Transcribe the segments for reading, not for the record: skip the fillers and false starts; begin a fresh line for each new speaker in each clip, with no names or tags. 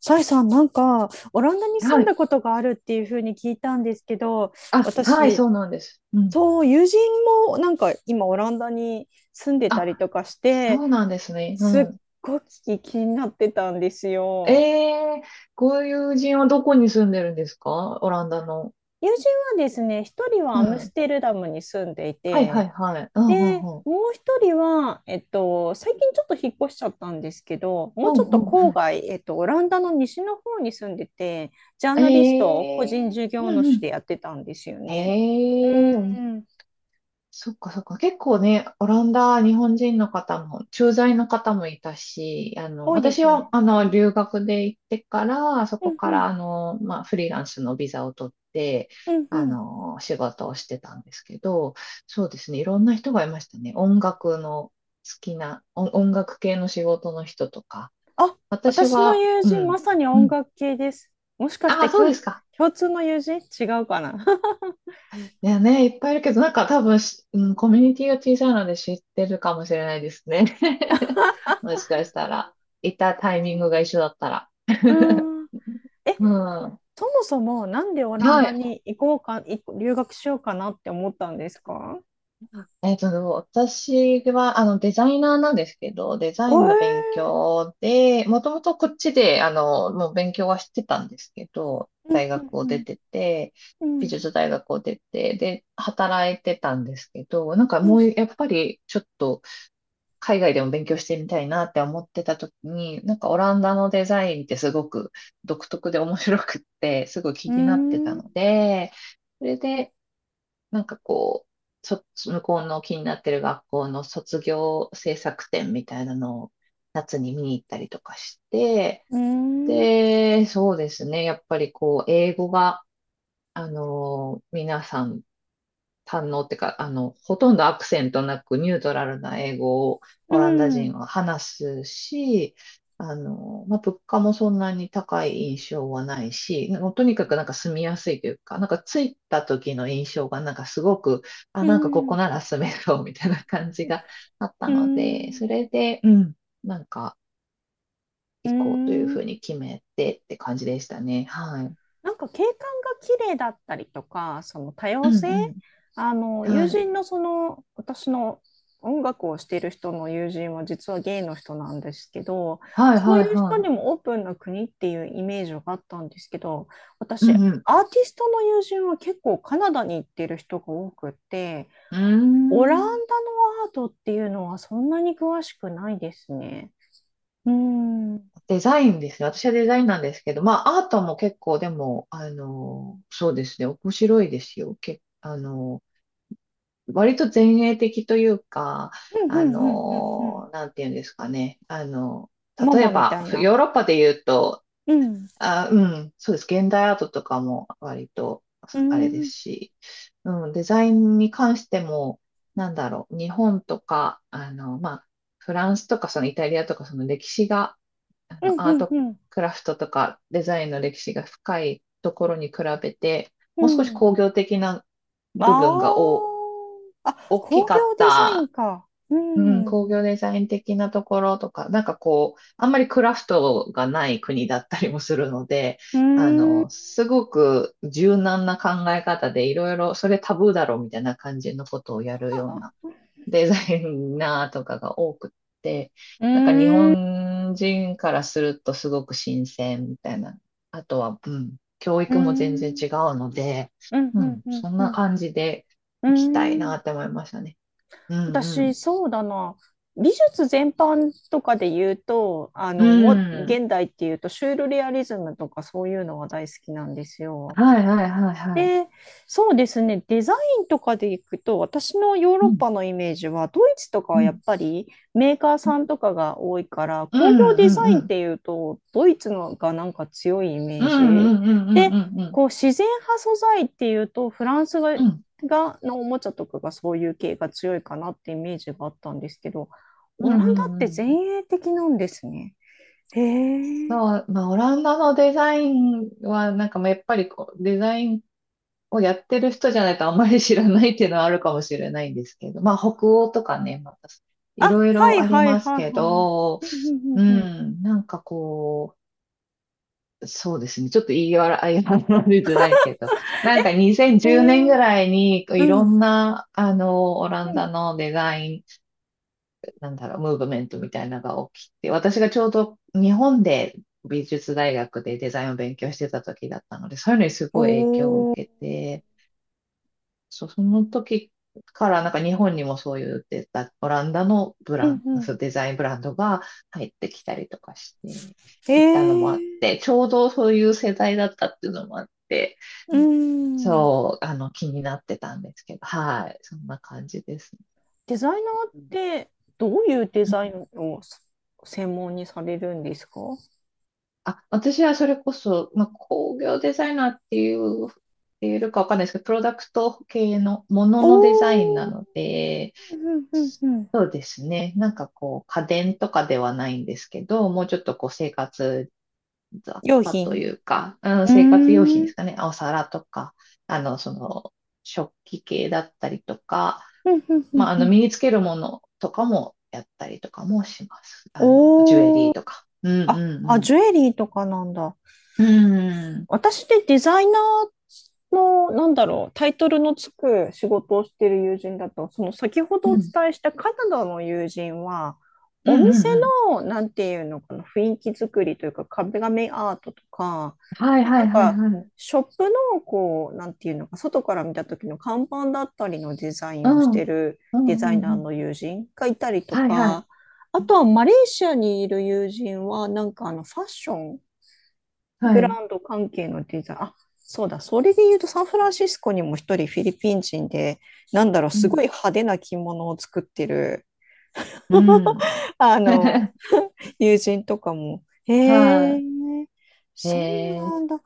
サイさん、オランダに
は
住ん
い。
だことがあるっていうふうに聞いたんですけど、
あ、はい、
私、
そうなんです。うん。
そう、友人も今、オランダに住んでた
あ、
りとかし
そ
て、
うなんですね。う
すっ
ん。
ごく気になってたんです
え
よ。
え、ご友人はどこに住んでるんですか、オランダの。
友人はですね、一人は
う
アム
ん。
ステルダムに住んでい
はい、はい、
て、
はい。うん、う
で、
ん、うん。
もう一人は、最近ちょっと引っ越しちゃったんですけど、も
う
うち
ん、
ょっ
う
と
ん、う
郊外、オランダの西の方に住んでて、ジャー
ん。
ナリストを
え
個人
え、
事
う
業
ん、う
主
ん。
でやってたんですよ
え
ね。う
え、
ーん、
そっかそっか。結構ね、オランダ、日本人の方も、駐在の方もいたし、
多いで
私
すよ
は、
ね。
留学で行ってから、そ
う
こ
ん
か
う
ら、
ん、
まあ、フリーランスのビザを取って、
うんうん。
仕事をしてたんですけど、そうですね、いろんな人がいましたね。音楽の好きな、音楽系の仕事の人とか。
あ、
私
私の
は、
友
う
人、ま
ん、
さに
う
音
ん。
楽系です。もしかし
あ
て
あ、そう
共、
ですか。
共通の友人違うかな？
いやね、いっぱいいるけど、なんか多分うん、コミュニティが小さいので知ってるかもしれないですね。もしかしたら、いたタイミングが一緒だったら。
う ーん。え、
うん。
そもそもなんでオラン
は
ダ
い。
に行こうか、い留学しようかなって思ったんですか？
えっと、私は、デザイナーなんですけど、デザ
え
インの勉
ー
強で、もともとこっちで、もう勉強はしてたんですけど、
うん
大学
う
を出
ん
てて、
う
美
ん
術大学を出て、で、働いてたんですけど、なんか
う
もう、
ん
やっぱり、ちょっと、海外でも勉強してみたいなって思ってた時に、なんかオランダのデザインってすごく独特で面白くって、すごい気
う
になってた
ん
ので、それで、なんかこう、向こうの気になってる学校の卒業制作展みたいなのを夏に見に行ったりとかして、
うん
で、そうですね、やっぱりこう、英語が、皆さん堪能ってか、ほとんどアクセントなくニュートラルな英語を
う
オランダ人
ん
は話すし、まあ、物価もそんなに高い印象はないし、もうとにかくなんか住みやすいというか、なんか着いた時の印象がなんかすごく、あ、
うん
なんかこ
うん
こ
う
なら住めそうみたいな感じがあった
ん、
ので、それで、うん、なんか
う
行こうというふ
ん、
うに決めてって感じでしたね。はい。
なんか景観が綺麗だったりとか、その多
う
様
ん
性、
う
あの
ん。
友
はい。
人のその私の音楽をしている人の友人は実はゲイの人なんですけど、
はい
そうい
はい
う人
はい。
にもオープンな国っていうイメージがあったんですけど、
う
私、アー
ん
テ
うん。
ィストの友人は結構カナダに行ってる人が多くて、
うー
オランダの
ん。
アートっていうのはそんなに詳しくないですね。うーん。うん
デザインですね。私はデザインなんですけど、まあ、アートも結構、でも、そうですね、面白いですよ。割と前衛的というか、
うんうんうんうん。
なんていうんですかね。
マ
例え
マみた
ば、
いな。
ヨーロッパで言うと、
うん。う
あ、うん、そうです。現代アートとかも割と、
ー
あれで
ん。
すし、うん、デザインに関しても、なんだろう、日本とか、まあ、フランスとか、そのイタリアとか、その歴史が、
うん
ア
う
ー
ん
ト
うん
クラフトとかデザインの歴史が深いところに比べて、
う
もう少し
ん。
工業的な部分が
ああ、
大き
工
かっ
業デザイン
た、
か。う
うん、
ん。
工
う
業デザイン的なところとか、なんかこう、あんまりクラフトがない国だったりもするので、
ーん。う
すごく柔軟な考え方でいろいろ、それタブーだろうみたいな感じのことをやるようなデザイナーとかが多くって、
ー
なんか日
ん。う
本人からするとすごく新鮮みたいな。あとは、うん、教
ー
育も全然
ん。
違うので、
うん。
う
うん。
ん、
うん。
そん
う
な
ん
感じで
うー
行きたいな
ん、
って思いましたね。うんう
私、
ん。
そうだな。美術全般とかで言うと、
うん。
現代っていうと、シュールレアリズムとかそういうのが大好きなんですよ。
はいはいはいはい。
で、そうですね、デザインとかでいくと、私のヨー
う
ロッ
ん、
パのイメージは、ドイツとか
う
はやっ
ん。
ぱりメーカーさんとかが多いから、
うんう
工業デザイ
んう
ンっ
ん。
ていうと、ドイツのがなんか強いイ
う
メ
ん
ージ。
うんうんう
で、
んうんうん。
こう自然派素材っていうと、フランスが、
うん
がのおもちゃとかがそういう系が強いかなってイメージがあったんですけど、
う
オ
ん
ラ
う
ンダっ
んう
て前
ん。
衛的なんですね。へえ。
そう、まあ、オランダのデザインは、なんかまあやっぱりこう、デザインをやってる人じゃないとあんまり知らないっていうのはあるかもしれないんですけど、まあ北欧とかね、また
あ、
いろい
は
ろ
い
あり
はい
ます
はい
け
は
ど、
い。うんうん
う
うんうん、
ん、なんかこう、そうですね、ちょっと言い笑いがりづらいけど、なんか
え、
2010年
へ
ぐ
え。
らいにい
う
ろ
ん。
んな、オラン
うん、
ダのデザイン、なんだろう、ムーブメントみたいなのが起きて、私がちょうど日本で美術大学でデザインを勉強してた時だったので、そういうのにすごい影響を受
おー。
けて、そう、その時からなんか日本にもそういうオランダのブ
う
ラ
ん
ンド、
う
そうデザインブランドが入ってきたりとかして
ん、え
いったのもあっ
ー。
て、ちょうどそういう世代だったっていうのもあって、
う
うん、
ん、
そう、気になってたんですけど、はい、そんな感じですね。
デザイナーっ
うん、
てどういうデザインを専門にされるんですか？
あ、私はそれこそ、まあ、工業デザイナーっていうかわかんないですけど、プロダクト系のもののデザインな
おー。
ので、
うんうんうん。
ですね。なんかこう、家電とかではないんですけど、もうちょっとこう、生活雑
用
貨と
品。
いうか、うん、
うー
生活用
ん。
品
う
で
ん
すかね。お皿とか、あの、その、食器系だったりとか、
うんう
ま
ん
あ、
うん。
身につけるものとかもやったりとかもします。ジュエ
お
リ
ー。
ーとか。うん
あ、あ、
うん
ジュエリーとかなんだ。
うん。うん
私、デザイナーの、なんだろう、タイトルのつく仕事をしている友人だと、その先ほど
う
お
ん。
伝えしたカナダの友人は、お
うんう
店
んう
の、なんていうのかな、雰囲気作りというか、壁紙アートとか、
ん。はいは
な
い
ん
はい
か、
はい。
ショップの、こう、なんていうのか、外から見た時の看板だったりのデザイ
う
ンをし
ん。う
て
ん
る
う
デザ
んう
イナー
ん。
の友人がいたりと
はいはい。
か、あとはマレーシアにいる友人は、あのファッションブ
はい。
ランド関係のデザイン。あ、そうだ。それで言うと、サンフランシスコにも一人フィリピン人で、なんだろう、
う
す
ん。
ごい派手な着物を作ってる、
うん。
あの、友人とかも、へ
は
え、
い。
そう
えー、
なんだ。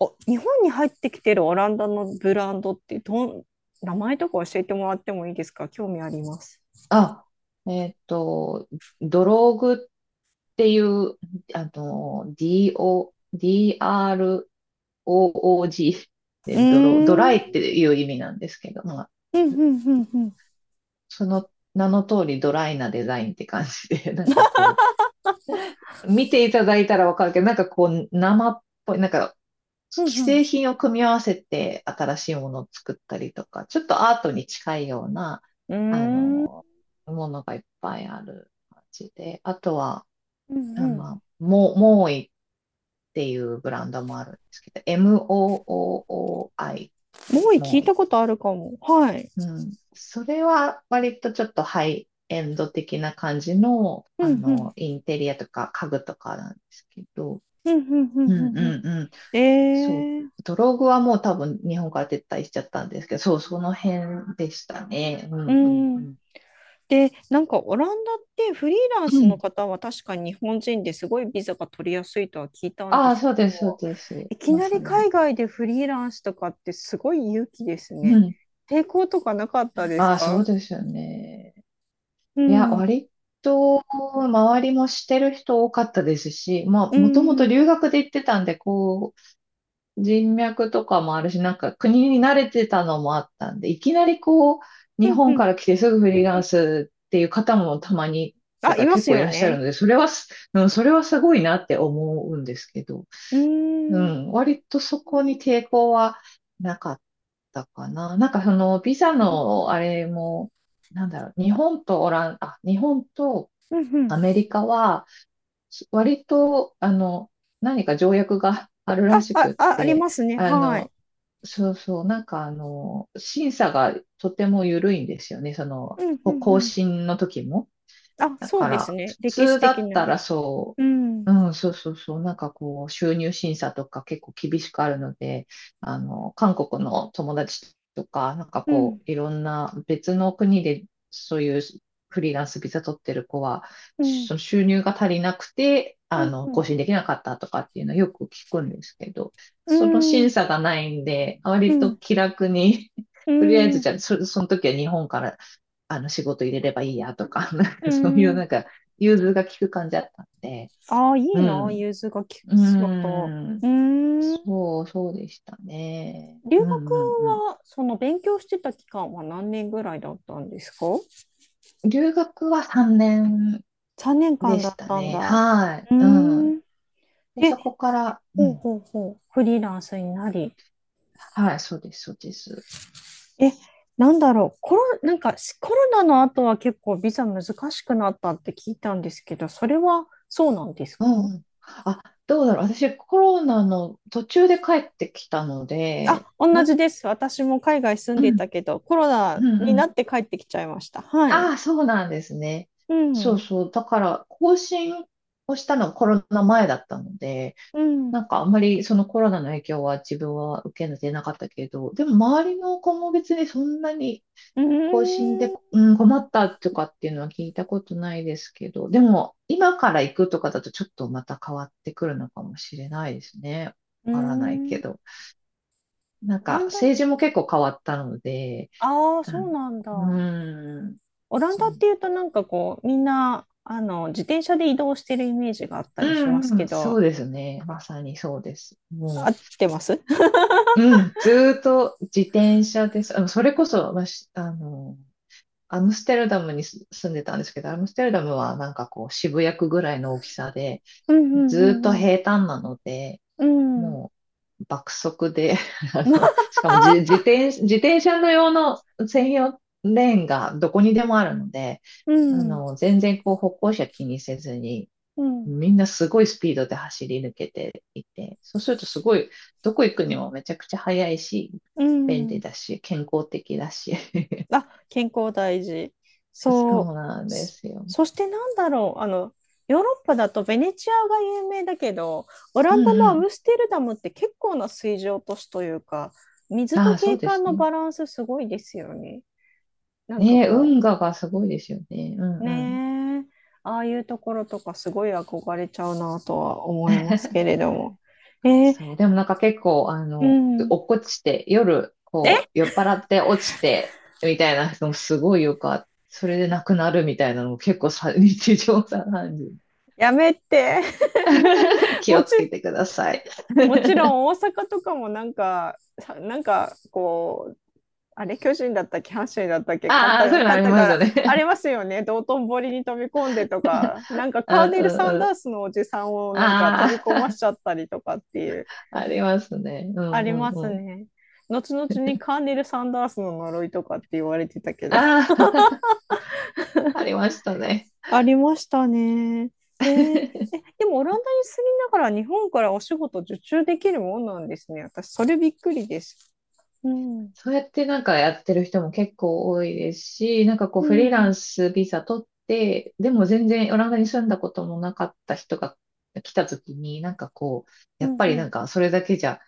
お、日本に入ってきてるオランダのブランドって名前とか教えてもらってもいいですか？興味あります。
あ、えーっと、ドローグっていう、DO、DROOG で、
うー
ド
ん。
ライっ
うん
ていう意味なんですけど、まあ、
うんうんうん。
その名の通りドライなデザインって感じで、なんかこう、見ていただいたらわかるけど、なんかこう、生っぽい、なんか
う
既
ん
製品を組み合わせて新しいものを作ったりとか、ちょっとアートに近いような、
う
あ
ん。うーん。
の、ものがいっぱいある感じで、あとは、
うんう
あ、
ん。も
まあ、モモーイっていうブランドもあるんですけど、MOOI で、
う聞
モ
い
ー
た
イ。
ことあるかも。はい。
うん。それは割とちょっとハイエンド的な感じの、
うんうん
インテリアとか家具とかなんですけど、
うんうんう
う
ん
ん
うんうん。
うん、そう、
えー、
ドログはもう多分日本から撤退しちゃったんですけど、そう、その辺でしたね。うん
う
うんう
ん。
ん。
で、なんかオランダってフリーラン
う
スの
ん、
方は確かに日本人ですごいビザが取りやすいとは聞いたんで
ああ、
す
そう
け
で
ど、
す、そうです。
いき
ま
な
さ
り
に。
海外でフリーランスとかってすごい勇気です
う
ね。
ん。
抵抗とかなかったです
ああ、そ
か？
うですよね。
う
いや、
ん。
割と周りもしてる人多かったですし、ま
うん。
あ、もともと
うん
留学で行ってたんで、人脈とかもあるし、なんか国に慣れてたのもあったんで、いきなりこう、
う
日本か
ん。
ら来てすぐフリーランスっていう方もたまに、と
あ、い
か
ま
結
す
構い
よ
らっしゃる
ね。
ので、それはうん、それはすごいなって思うんですけど、
うん。
う
うん
ん、割とそこに抵抗はなかったかな。なんかその、ビザのあれも、なんだろう、日本とオラン、あ、日本と
うんうんうん、
アメリカは、割と、何か条約があるら
あ、
し
あ、
くっ
あ、あり
て、
ますね。
あ
はい。
の、そうそう、なんか審査がとても緩いんですよね。そ
う
の、
んうんう
更
ん。
新の時も。
あ、
だ
そ
か
うです
ら、
ね。
普
歴史
通だ
的
った
な。
らそ
うん。
う、うん、そうそうそう、なんかこう、収入審査とか結構厳しくあるので、韓国の友達とか、なんか
う
こ
ん、
う、いろんな別の国でそういうフリーランスビザ取ってる子は、
うん、
その収入が足りなくて、
うん、う
更
ん、
新できなかったとかっていうのはよく聞くんですけど、
う
その審
ん、
査がないんで、
う
割と
ん、
気楽に、
う
とりあえず
ん。
じゃあ、その時は日本から仕事入れればいいやとか、なん
う
かそういう
ん、
なんか融通が利く感じだったんで、
ああ、い
う
いな、
ん。
融通が効
う
く仕事。
ーん。
うーん。
そう、そうでしたね。
留
う
学
んうんう
は、その勉強してた期間は何年ぐらいだったんですか？
ん。留学は3年
3 年
で
間だ
し
っ
た
たん
ね。
だ。
はい。
う
うん。
ーん。
で、
え、
そこから、う
ほう
ん。
ほうほう。フリーランスになり。
はい、そうです、そうです。
え、なんだろう。コロ、なんかしコロナの後は結構ビザ難しくなったって聞いたんですけど、それはそうなんです
う
か？
んうん。あ、どうだろう。私、コロナの途中で帰ってきたので、
あ、同じです。私も海外住ん
う
でい
ん、
たけど、コロ
う
ナ
ん、う
にな
ん。
って帰ってきちゃいました。はい。
ああ、そうなんですね。
う
そう
ん。
そう。だから、更新をしたのはコロナ前だったので、
うん。う
なんかあんまりそのコロナの影響は自分は受けてなかったけど、でも周りの子も別にそんなに
ー
更新で、
ん。う
うん、困ったとかっていうのは聞いたことないですけど、でも今から行くとかだとちょっとまた変わってくるのかもしれないですね。
ー
わからないけ
ん。
ど。なん
オラ
か
ンダ、
政治も結構変わったので、
ああ、
あ
そ
の
うなん
う
だ。
ーん。
オラン
そう
ダっていうとなんかこう、みんな、あの、自転車で移動してるイメージがあった
う
りします
んう
け
ん、そ
ど、
うですね。まさにそうです。
合
も
ってます？
う、うん、ずーっと自転車です。それこそ、まあ、しあの、アムステルダムに住んでたんですけど、アムステルダムはなんかこう渋谷区ぐらいの大きさで、
うんう
ずーっと
んうん
平坦なので、
うん。うん。
もう爆速で、しかも自転車の用の専用レーンがどこにでもあるので、
うん。
全然こう歩行者気にせずに
うん。
みんなすごいスピードで走り抜けていて、そうするとすごい、どこ行くにもめちゃくちゃ速いし、
う
便利
ん。
だし、健康的だし。
あ、健康大事。そ
そ
う。
うなんで
そ
すよ。
そしてなんだろう。あの、ヨーロッパだとベネチアが有名だけど、オラ
う
ンダ
ん
のア
う
ムステルダムって結構な水上都市というか、
ん。
水
あ
と
あ、そう
景
です
観の
ね。
バランスすごいですよね。なんか
ねえ運
こ
河がすごいですよね。う
う、
んうん。
ねえ、ああいうところとかすごい憧れちゃうなとは思いますけれ ども。えー
そう、でもなんか結構、
うん。
落っこちて、夜、こう、酔っ払って落ちて、みたいな人もすごいよかった。それで亡くなるみたいなのも結構さ、日常茶飯事。
やめて。
気
も
を
ち、
つけてください。
もちろ ん大阪とかもなんか、さなんかこあれ、巨人だったっけ、阪神だったっけ、
ああ、そういうの
勝
あ
っ
り
た
ま
か
すよ
ら、あり
ね。
ますよね、道頓堀に飛び込んでとか、な んか
うん
カーネ
う
ル・
ん
サンダ
うん。
ースのおじさんをなんか飛び
あ
込まし
あ、
ちゃったりとかっていう、
ありますね。う
あ
んう
ります
んうん。
ね。後々にカーネル・サンダースの呪いとかって言われてたけど
あ あ、ありましたね。
ありましたね。へえ。でもオランダに住みながら日本からお仕事受注できるもんなんですね。私、それびっくりです。うん。
そうやってなんかやってる人も結構多いですし、なんかこう
う
フリーラ
ん。
ンスビザ取って、でも全然オランダに住んだこともなかった人が来た時に、なんかこう、
う
やっ
ん。
ぱり
う
な
ん。
んかそれだけじゃ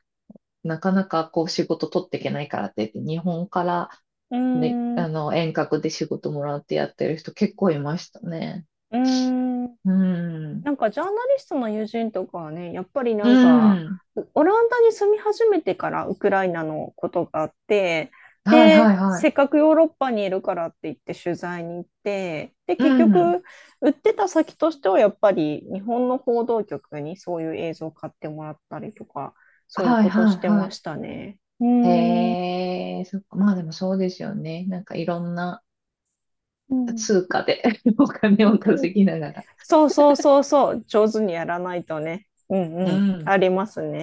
なかなかこう仕事取っていけないからって言って、日本から
う
で、
ん。
遠隔で仕事もらってやってる人結構いましたね。
うん。
うん。
なんかジャーナリストの友人とかはね、やっぱりな
う
んか、
ん。
オランダに住み始めてからウクライナのことがあって、
はい
で、
はい
せ
は
っかくヨーロッパにいるからって言って取材に行って、で、
い。う
結
ん。
局、売ってた先としてはやっぱり日本の報道局にそういう映像を買ってもらったりとか、そういう
はい
こと
は
し
い
て
は
ま
い。
したね。うーん。
へえ、そっか。まあでもそうですよね。なんかいろんな
うん、
通貨で お金を稼ぎながら。
そうそうそうそう、上手にやらないとね。うん
う
うん、
ん。
ありますね。